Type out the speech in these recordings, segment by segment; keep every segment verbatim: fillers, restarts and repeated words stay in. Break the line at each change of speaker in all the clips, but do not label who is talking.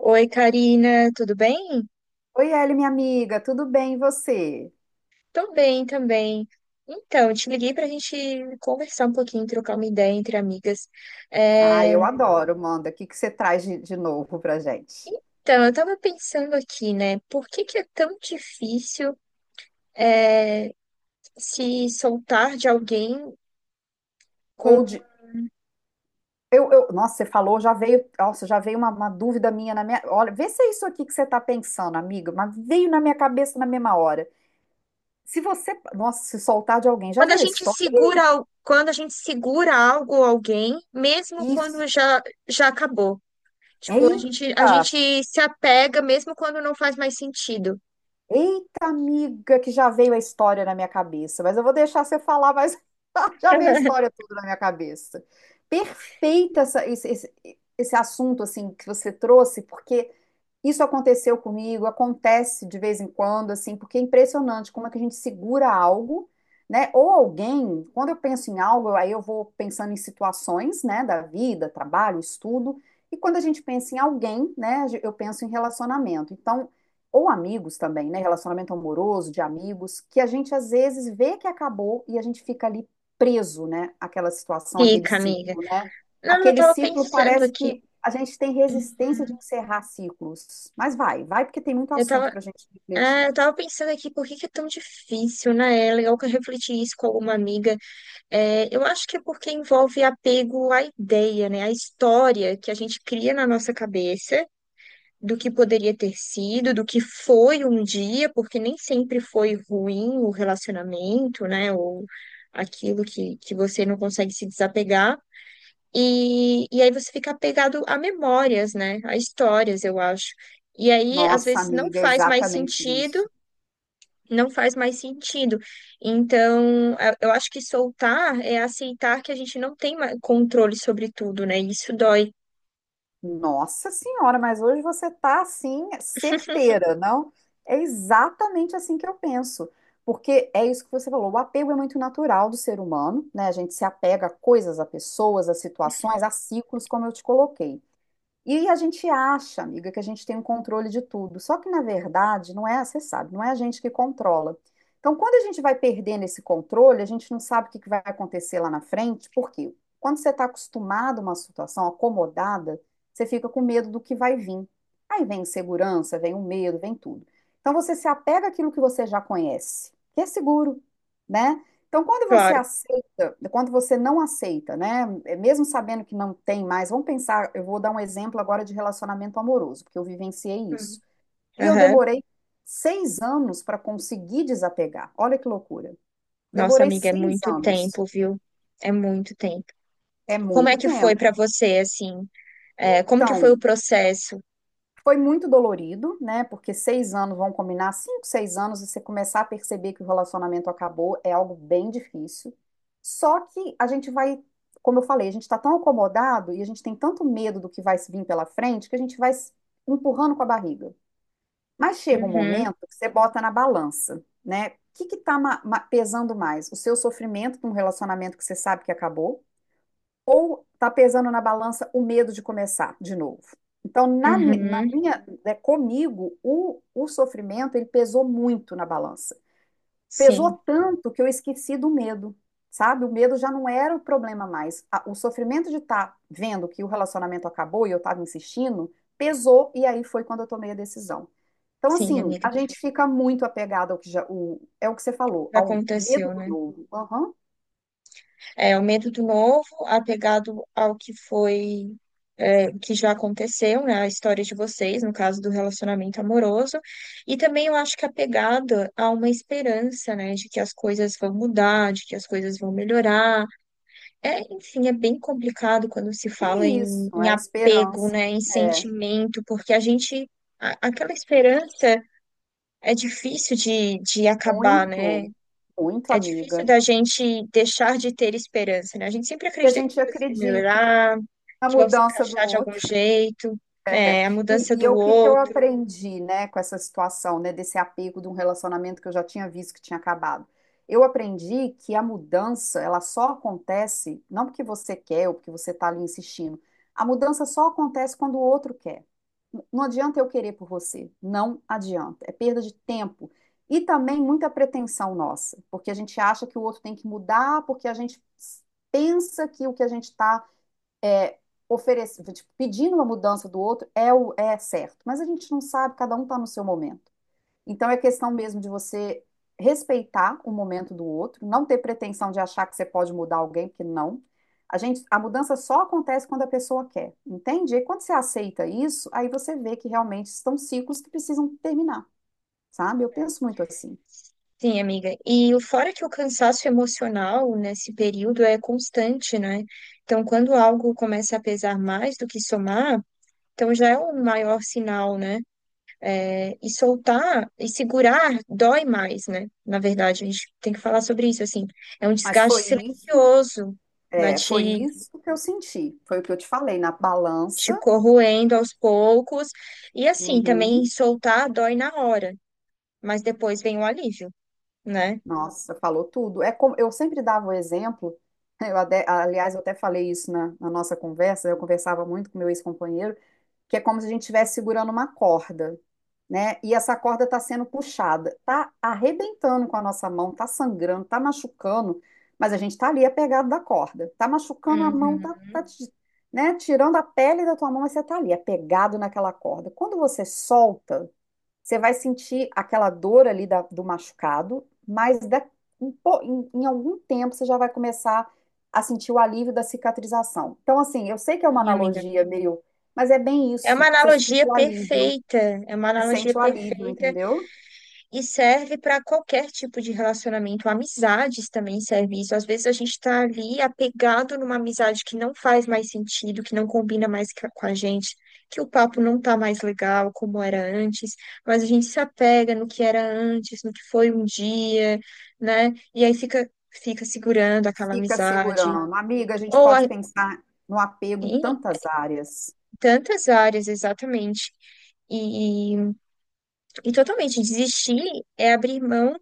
Oi, Karina, tudo bem?
Oi, Eli, minha amiga, tudo bem e você?
Tô bem também. Então, te liguei para a gente conversar um pouquinho, trocar uma ideia entre amigas.
Ah,
É.
eu adoro, manda. O que que você traz de, de novo pra gente?
Então, eu tava pensando aqui, né? Por que que é tão difícil, é, se soltar de alguém
Ou
com...
de. Eu, eu- nossa, você falou, já veio. Nossa, já veio uma, uma dúvida minha na minha. Olha, vê se é isso aqui que você tá pensando, amiga, mas veio na minha cabeça na mesma hora. Se você. Nossa, se soltar de alguém, já
Quando a
veio a
gente
história?
segura,
Ih,
al- quando a gente segura algo ou alguém, mesmo
isso.
quando já, já acabou. Tipo, a gente, a
Eita!
gente se apega mesmo quando não faz mais sentido.
Eita, amiga, que já veio a história na minha cabeça, mas eu vou deixar você falar, mas já veio a história toda na minha cabeça. Perfeito essa- esse, esse, esse assunto assim que você trouxe, porque isso aconteceu comigo, acontece de vez em quando, assim, porque é impressionante como é que a gente segura algo, né? Ou alguém. Quando eu penso em algo, aí eu vou pensando em situações, né, da vida, trabalho, estudo, e quando a gente pensa em alguém, né, eu penso em relacionamento. Então, ou amigos também, né, relacionamento amoroso, de amigos, que a gente às vezes vê que acabou e a gente fica ali preso, né, àquela situação, aquele
Fica, amiga.
ciclo, né?
Não, eu
Aquele
tava
ciclo,
pensando
parece
aqui.
que a gente tem resistência de encerrar ciclos. Mas vai, vai, porque tem muito
Eu
assunto
tava,
para a gente
ah,
refletir.
eu tava pensando aqui por que que é tão difícil, né? É legal que eu refleti isso com alguma amiga. É, eu acho que é porque envolve apego à ideia, né? À história que a gente cria na nossa cabeça do que poderia ter sido, do que foi um dia, porque nem sempre foi ruim o relacionamento, né? Ou aquilo que, que você não consegue se desapegar. E, e aí você fica apegado a memórias, né? A histórias, eu acho. E aí, às
Nossa,
vezes, não
amiga, é
faz mais
exatamente
sentido,
isso.
não faz mais sentido. Então, a- eu acho que soltar é aceitar que a gente não tem ma- controle sobre tudo, né? E isso dói,
Nossa senhora, mas hoje você está assim, certeira, não? É exatamente assim que eu penso. Porque é isso que você falou, o apego é muito natural do ser humano, né? A gente se apega a coisas, a pessoas, a situações, a ciclos, como eu te coloquei. E a gente acha, amiga, que a gente tem um controle de tudo. Só que, na verdade, não é, você sabe, não é a gente que controla. Então, quando a gente vai perdendo esse controle, a gente não sabe o que que vai acontecer lá na frente, porque quando você está acostumado a uma situação acomodada, você fica com medo do que vai vir. Aí vem insegurança, vem o medo, vem tudo. Então, você se apega àquilo que você já conhece, que é seguro, né? Então, quando você
claro.
ace- quando você não aceita, né? é, Mesmo sabendo que não tem mais, vamos pensar, eu vou dar um exemplo agora de relacionamento amoroso, porque eu vivenciei isso.
Hum.
E eu
Aham.
demorei seis anos para conseguir desapegar. Olha que loucura.
Nossa,
Demorei
amiga, é
seis
muito
anos.
tempo, viu? É muito tempo.
É
Como é
muito
que foi
tempo.
pra você, assim? É, como que foi o
Então,
processo?
foi muito dolorido, né? Porque seis anos, vão combinar, cinco, seis anos, e você começar a perceber que o relacionamento acabou é algo bem difícil. Só que a gente vai, como eu falei, a gente está tão acomodado e a gente tem tanto medo do que vai vir pela frente que a gente vai se empurrando com a barriga. Mas chega um
Uhum,
momento que você bota na balança, né? O que que tá ma- ma- pesando mais? O seu sofrimento com um relacionamento que você sabe que acabou, ou está pesando na balança o medo de começar de novo? Então, na, mi- na
uhum.
minha, né, comigo, o, o sofrimento, ele pesou muito na balança. Pesou
Sim,
tanto que eu esqueci do medo, sabe? O medo já não era o problema mais. A- o sofrimento de estar vendo que o relacionamento acabou e eu estava insistindo, pesou, e aí foi quando eu tomei a decisão. Então,
sim,
assim,
amiga.
a gente fica muito apegado ao que já, o, é o que você falou,
Já
ao medo
aconteceu,
do
né?
novo. Aham.
É, o medo do novo, apegado ao que foi, é, que já aconteceu, né? A história de vocês, no caso do relacionamento amoroso. E também eu acho que apegado a uma esperança, né? De que as coisas vão mudar, de que as coisas vão melhorar. É, enfim, é bem complicado quando se
É
fala em,
isso,
em
é a
apego,
esperança.
né? Em
É.
sentimento, porque a gente. a- Aquela esperança é difícil de, de acabar, né?
Muito, muito,
É difícil
amiga.
da gente deixar de ter esperança, né? A gente sempre
E a
acredita que as
gente
coisas vão
acredita
melhorar,
na
que vão se
mudança do
encaixar de algum
outro.
jeito, é, a
E,
mudança
e
do
o que que eu
outro.
aprendi, né, com essa situação, né, desse apego de um relacionamento que eu já tinha visto que tinha acabado? Eu aprendi que a mudança, ela só acontece, não porque você quer ou porque você está ali insistindo, a mudança só acontece quando o outro quer. Não adianta eu querer por você, não adianta, é perda de tempo. E também muita pretensão nossa, porque a gente acha que o outro tem que mudar, porque a gente pensa que o que a gente está é, oferecendo, tipo, pedindo uma mudança do outro é o é certo, mas a gente não sabe, cada um está no seu momento. Então é questão mesmo de você respeitar o momento do outro, não ter pretensão de achar que você pode mudar alguém, porque não. A gente, a mudança só acontece quando a pessoa quer, entende? E quando você aceita isso, aí você vê que realmente estão ciclos que precisam terminar, sabe? Eu penso muito assim.
Sim, amiga. E o fora que o cansaço emocional nesse período é constante, né? Então, quando algo começa a pesar mais do que somar, então já é um maior sinal, né? É, e soltar e segurar dói mais, né? Na verdade, a gente tem que falar sobre isso, assim. É um
Mas
desgaste
foi isso,
silencioso, vai
é, foi
te
isso que eu senti, foi o que eu te falei na balança.
te corroendo aos poucos. E assim, também
Uhum.
soltar dói na hora, mas depois vem o alívio, né?
Nossa, falou tudo. É como, eu sempre dava o exemplo, eu ade- aliás, eu até falei isso na, na nossa conversa, eu conversava muito com meu ex-companheiro, que é como se a gente estivesse segurando uma corda, né? E essa corda está sendo puxada, tá arrebentando com a nossa mão, tá sangrando, tá machucando, mas a gente está ali apegado da corda, tá machucando a mão, tá,
Uhum.
tá te- né? Tirando a pele da tua mão, mas você tá ali apegado naquela corda. Quando você solta, você vai sentir aquela dor ali da- do machucado, mas da- em, po- em- em algum tempo você já vai começar a sentir o alívio da cicatrização. Então, assim, eu sei que é uma
Sim, amiga.
analogia meio, mas é bem
É uma
isso. Você sente
analogia
o alívio,
perfeita, é uma
você
analogia
sente o alívio,
perfeita.
entendeu?
E serve para qualquer tipo de relacionamento, amizades também serve isso. Às vezes a gente está ali apegado numa amizade que não faz mais sentido, que não combina mais ca- com a gente, que o papo não tá mais legal como era antes, mas a gente se apega no que era antes, no que foi um dia, né? E aí fica, fica segurando aquela
Fica
amizade.
segurando. Amiga, a gente
Ou a-
pode pensar no apego em
Em
tantas áreas.
tantas áreas, exatamente. E, e totalmente desistir é abrir mão,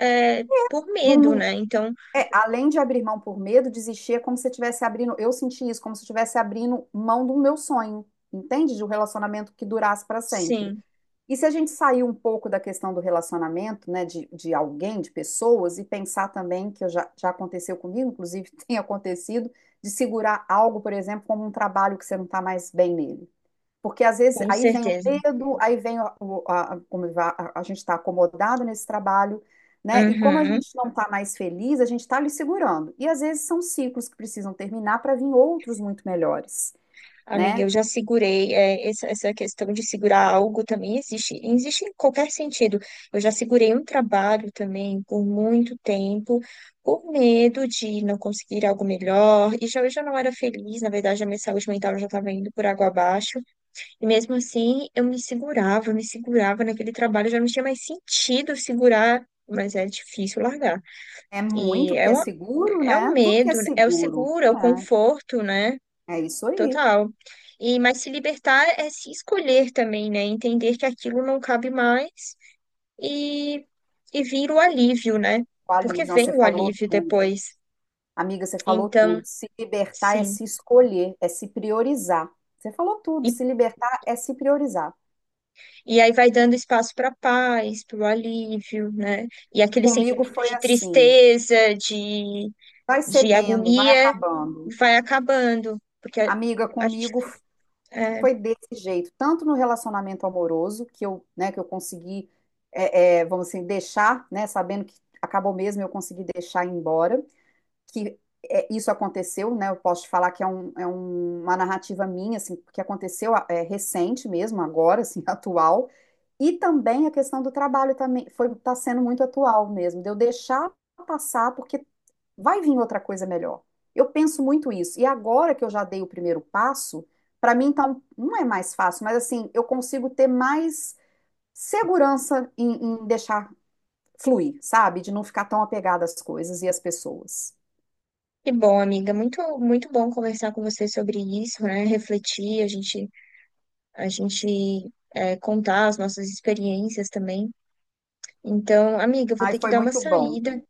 é, por
Não-
medo,
não-
né? Então,
é, além de abrir mão por medo, desistir é como se eu estivesse abrindo. Eu senti isso, como se eu estivesse abrindo mão do meu sonho, entende? De um relacionamento que durasse para sempre.
sim,
E se a gente sair um pouco da questão do relacionamento, né, de, de alguém, de pessoas, e pensar também, que eu já, já aconteceu comigo, inclusive tem acontecido, de segurar algo, por exemplo, como um trabalho que você não está mais bem nele. Porque às vezes
com
aí vem o
certeza.
medo, aí vem o- a, a, a gente está acomodado nesse trabalho, né? E como a
Uhum.
gente não está mais feliz, a gente está ali segurando. E às vezes são ciclos que precisam terminar para vir outros muito melhores,
Amiga,
né?
eu já segurei, é, essa, essa questão de segurar algo também existe, existe em qualquer sentido. Eu já segurei um trabalho também por muito tempo, por medo de não conseguir algo melhor, e já eu já não era feliz, na verdade, a minha saúde mental já estava indo por água abaixo, e mesmo assim eu me segurava, eu me segurava naquele trabalho, já não tinha mais sentido segurar, mas é difícil largar.
É
E
muito,
é
porque é
uma...
seguro,
É o
né? Tudo que é
medo, né? É o
seguro.
seguro, é o
É.
conforto, né?
É isso aí.
Total. E mas se libertar é se escolher também, né? Entender que aquilo não cabe mais e e vir o alívio, né?
O
Porque
alívio, não, você
vem o
falou
alívio
tudo.
depois.
Amiga, você falou tudo.
Então,
Se libertar é
sim.
se escolher, é se priorizar. Você falou
E,
tudo. Se libertar é se priorizar.
e aí vai dando espaço para paz, para o alívio, né? E aquele
Comigo
sentimento
foi
de
assim.
tristeza, de,
Vai
de
cedendo, vai
agonia
acabando.
vai acabando, porque a,
Amiga,
a gente.
comigo foi desse jeito. Tanto no relacionamento amoroso, que eu, né, que eu consegui, é, é, vamos assim, deixar, né, sabendo que acabou mesmo, eu consegui deixar ir embora. que é, isso aconteceu, né? Eu posso te falar que é, um, é um- uma narrativa minha, assim, que aconteceu ah, é, recente mesmo, agora, assim, atual. E também a questão do trabalho também foi tá sendo muito atual mesmo, de eu deixar passar porque vai vir outra coisa melhor. Eu penso muito isso. E agora que eu já dei o primeiro passo, para mim então não é mais fácil, mas assim, eu consigo ter mais segurança em, em, deixar fluir, sabe? De não ficar tão apegada às coisas e às pessoas.
Que bom, amiga. Muito, muito bom conversar com você sobre isso, né? Refletir, a gente, a gente é, contar as nossas experiências também. Então, amiga, eu vou
Ai,
ter que
foi
dar uma
muito bom.
saída,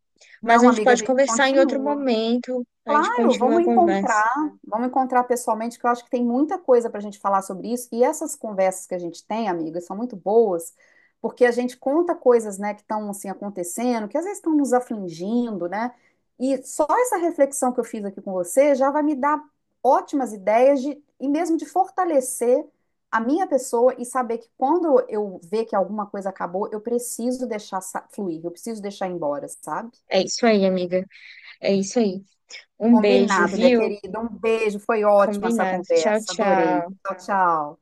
mas a
Não,
gente
amiga, a
pode
gente
conversar em outro
continua.
momento. A gente
Claro,
continua a
vamos
conversa.
encontrar, vamos encontrar pessoalmente, que eu acho que tem muita coisa para a gente falar sobre isso. E essas conversas que a gente tem, amigas, são muito boas, porque a gente conta coisas, né, que estão assim acontecendo, que às vezes estão nos afligindo, né? E só essa reflexão que eu fiz aqui com você já vai me dar ótimas ideias de, e mesmo de fortalecer a minha pessoa e saber que quando eu ver que alguma coisa acabou, eu preciso deixar sa- fluir, eu preciso deixar ir embora, sabe?
É isso aí, amiga. É isso aí. Um beijo,
Combinado, minha
viu?
querida. Um beijo, foi ótima essa
Combinado. Tchau,
conversa, adorei.
tchau.
Tchau, tchau.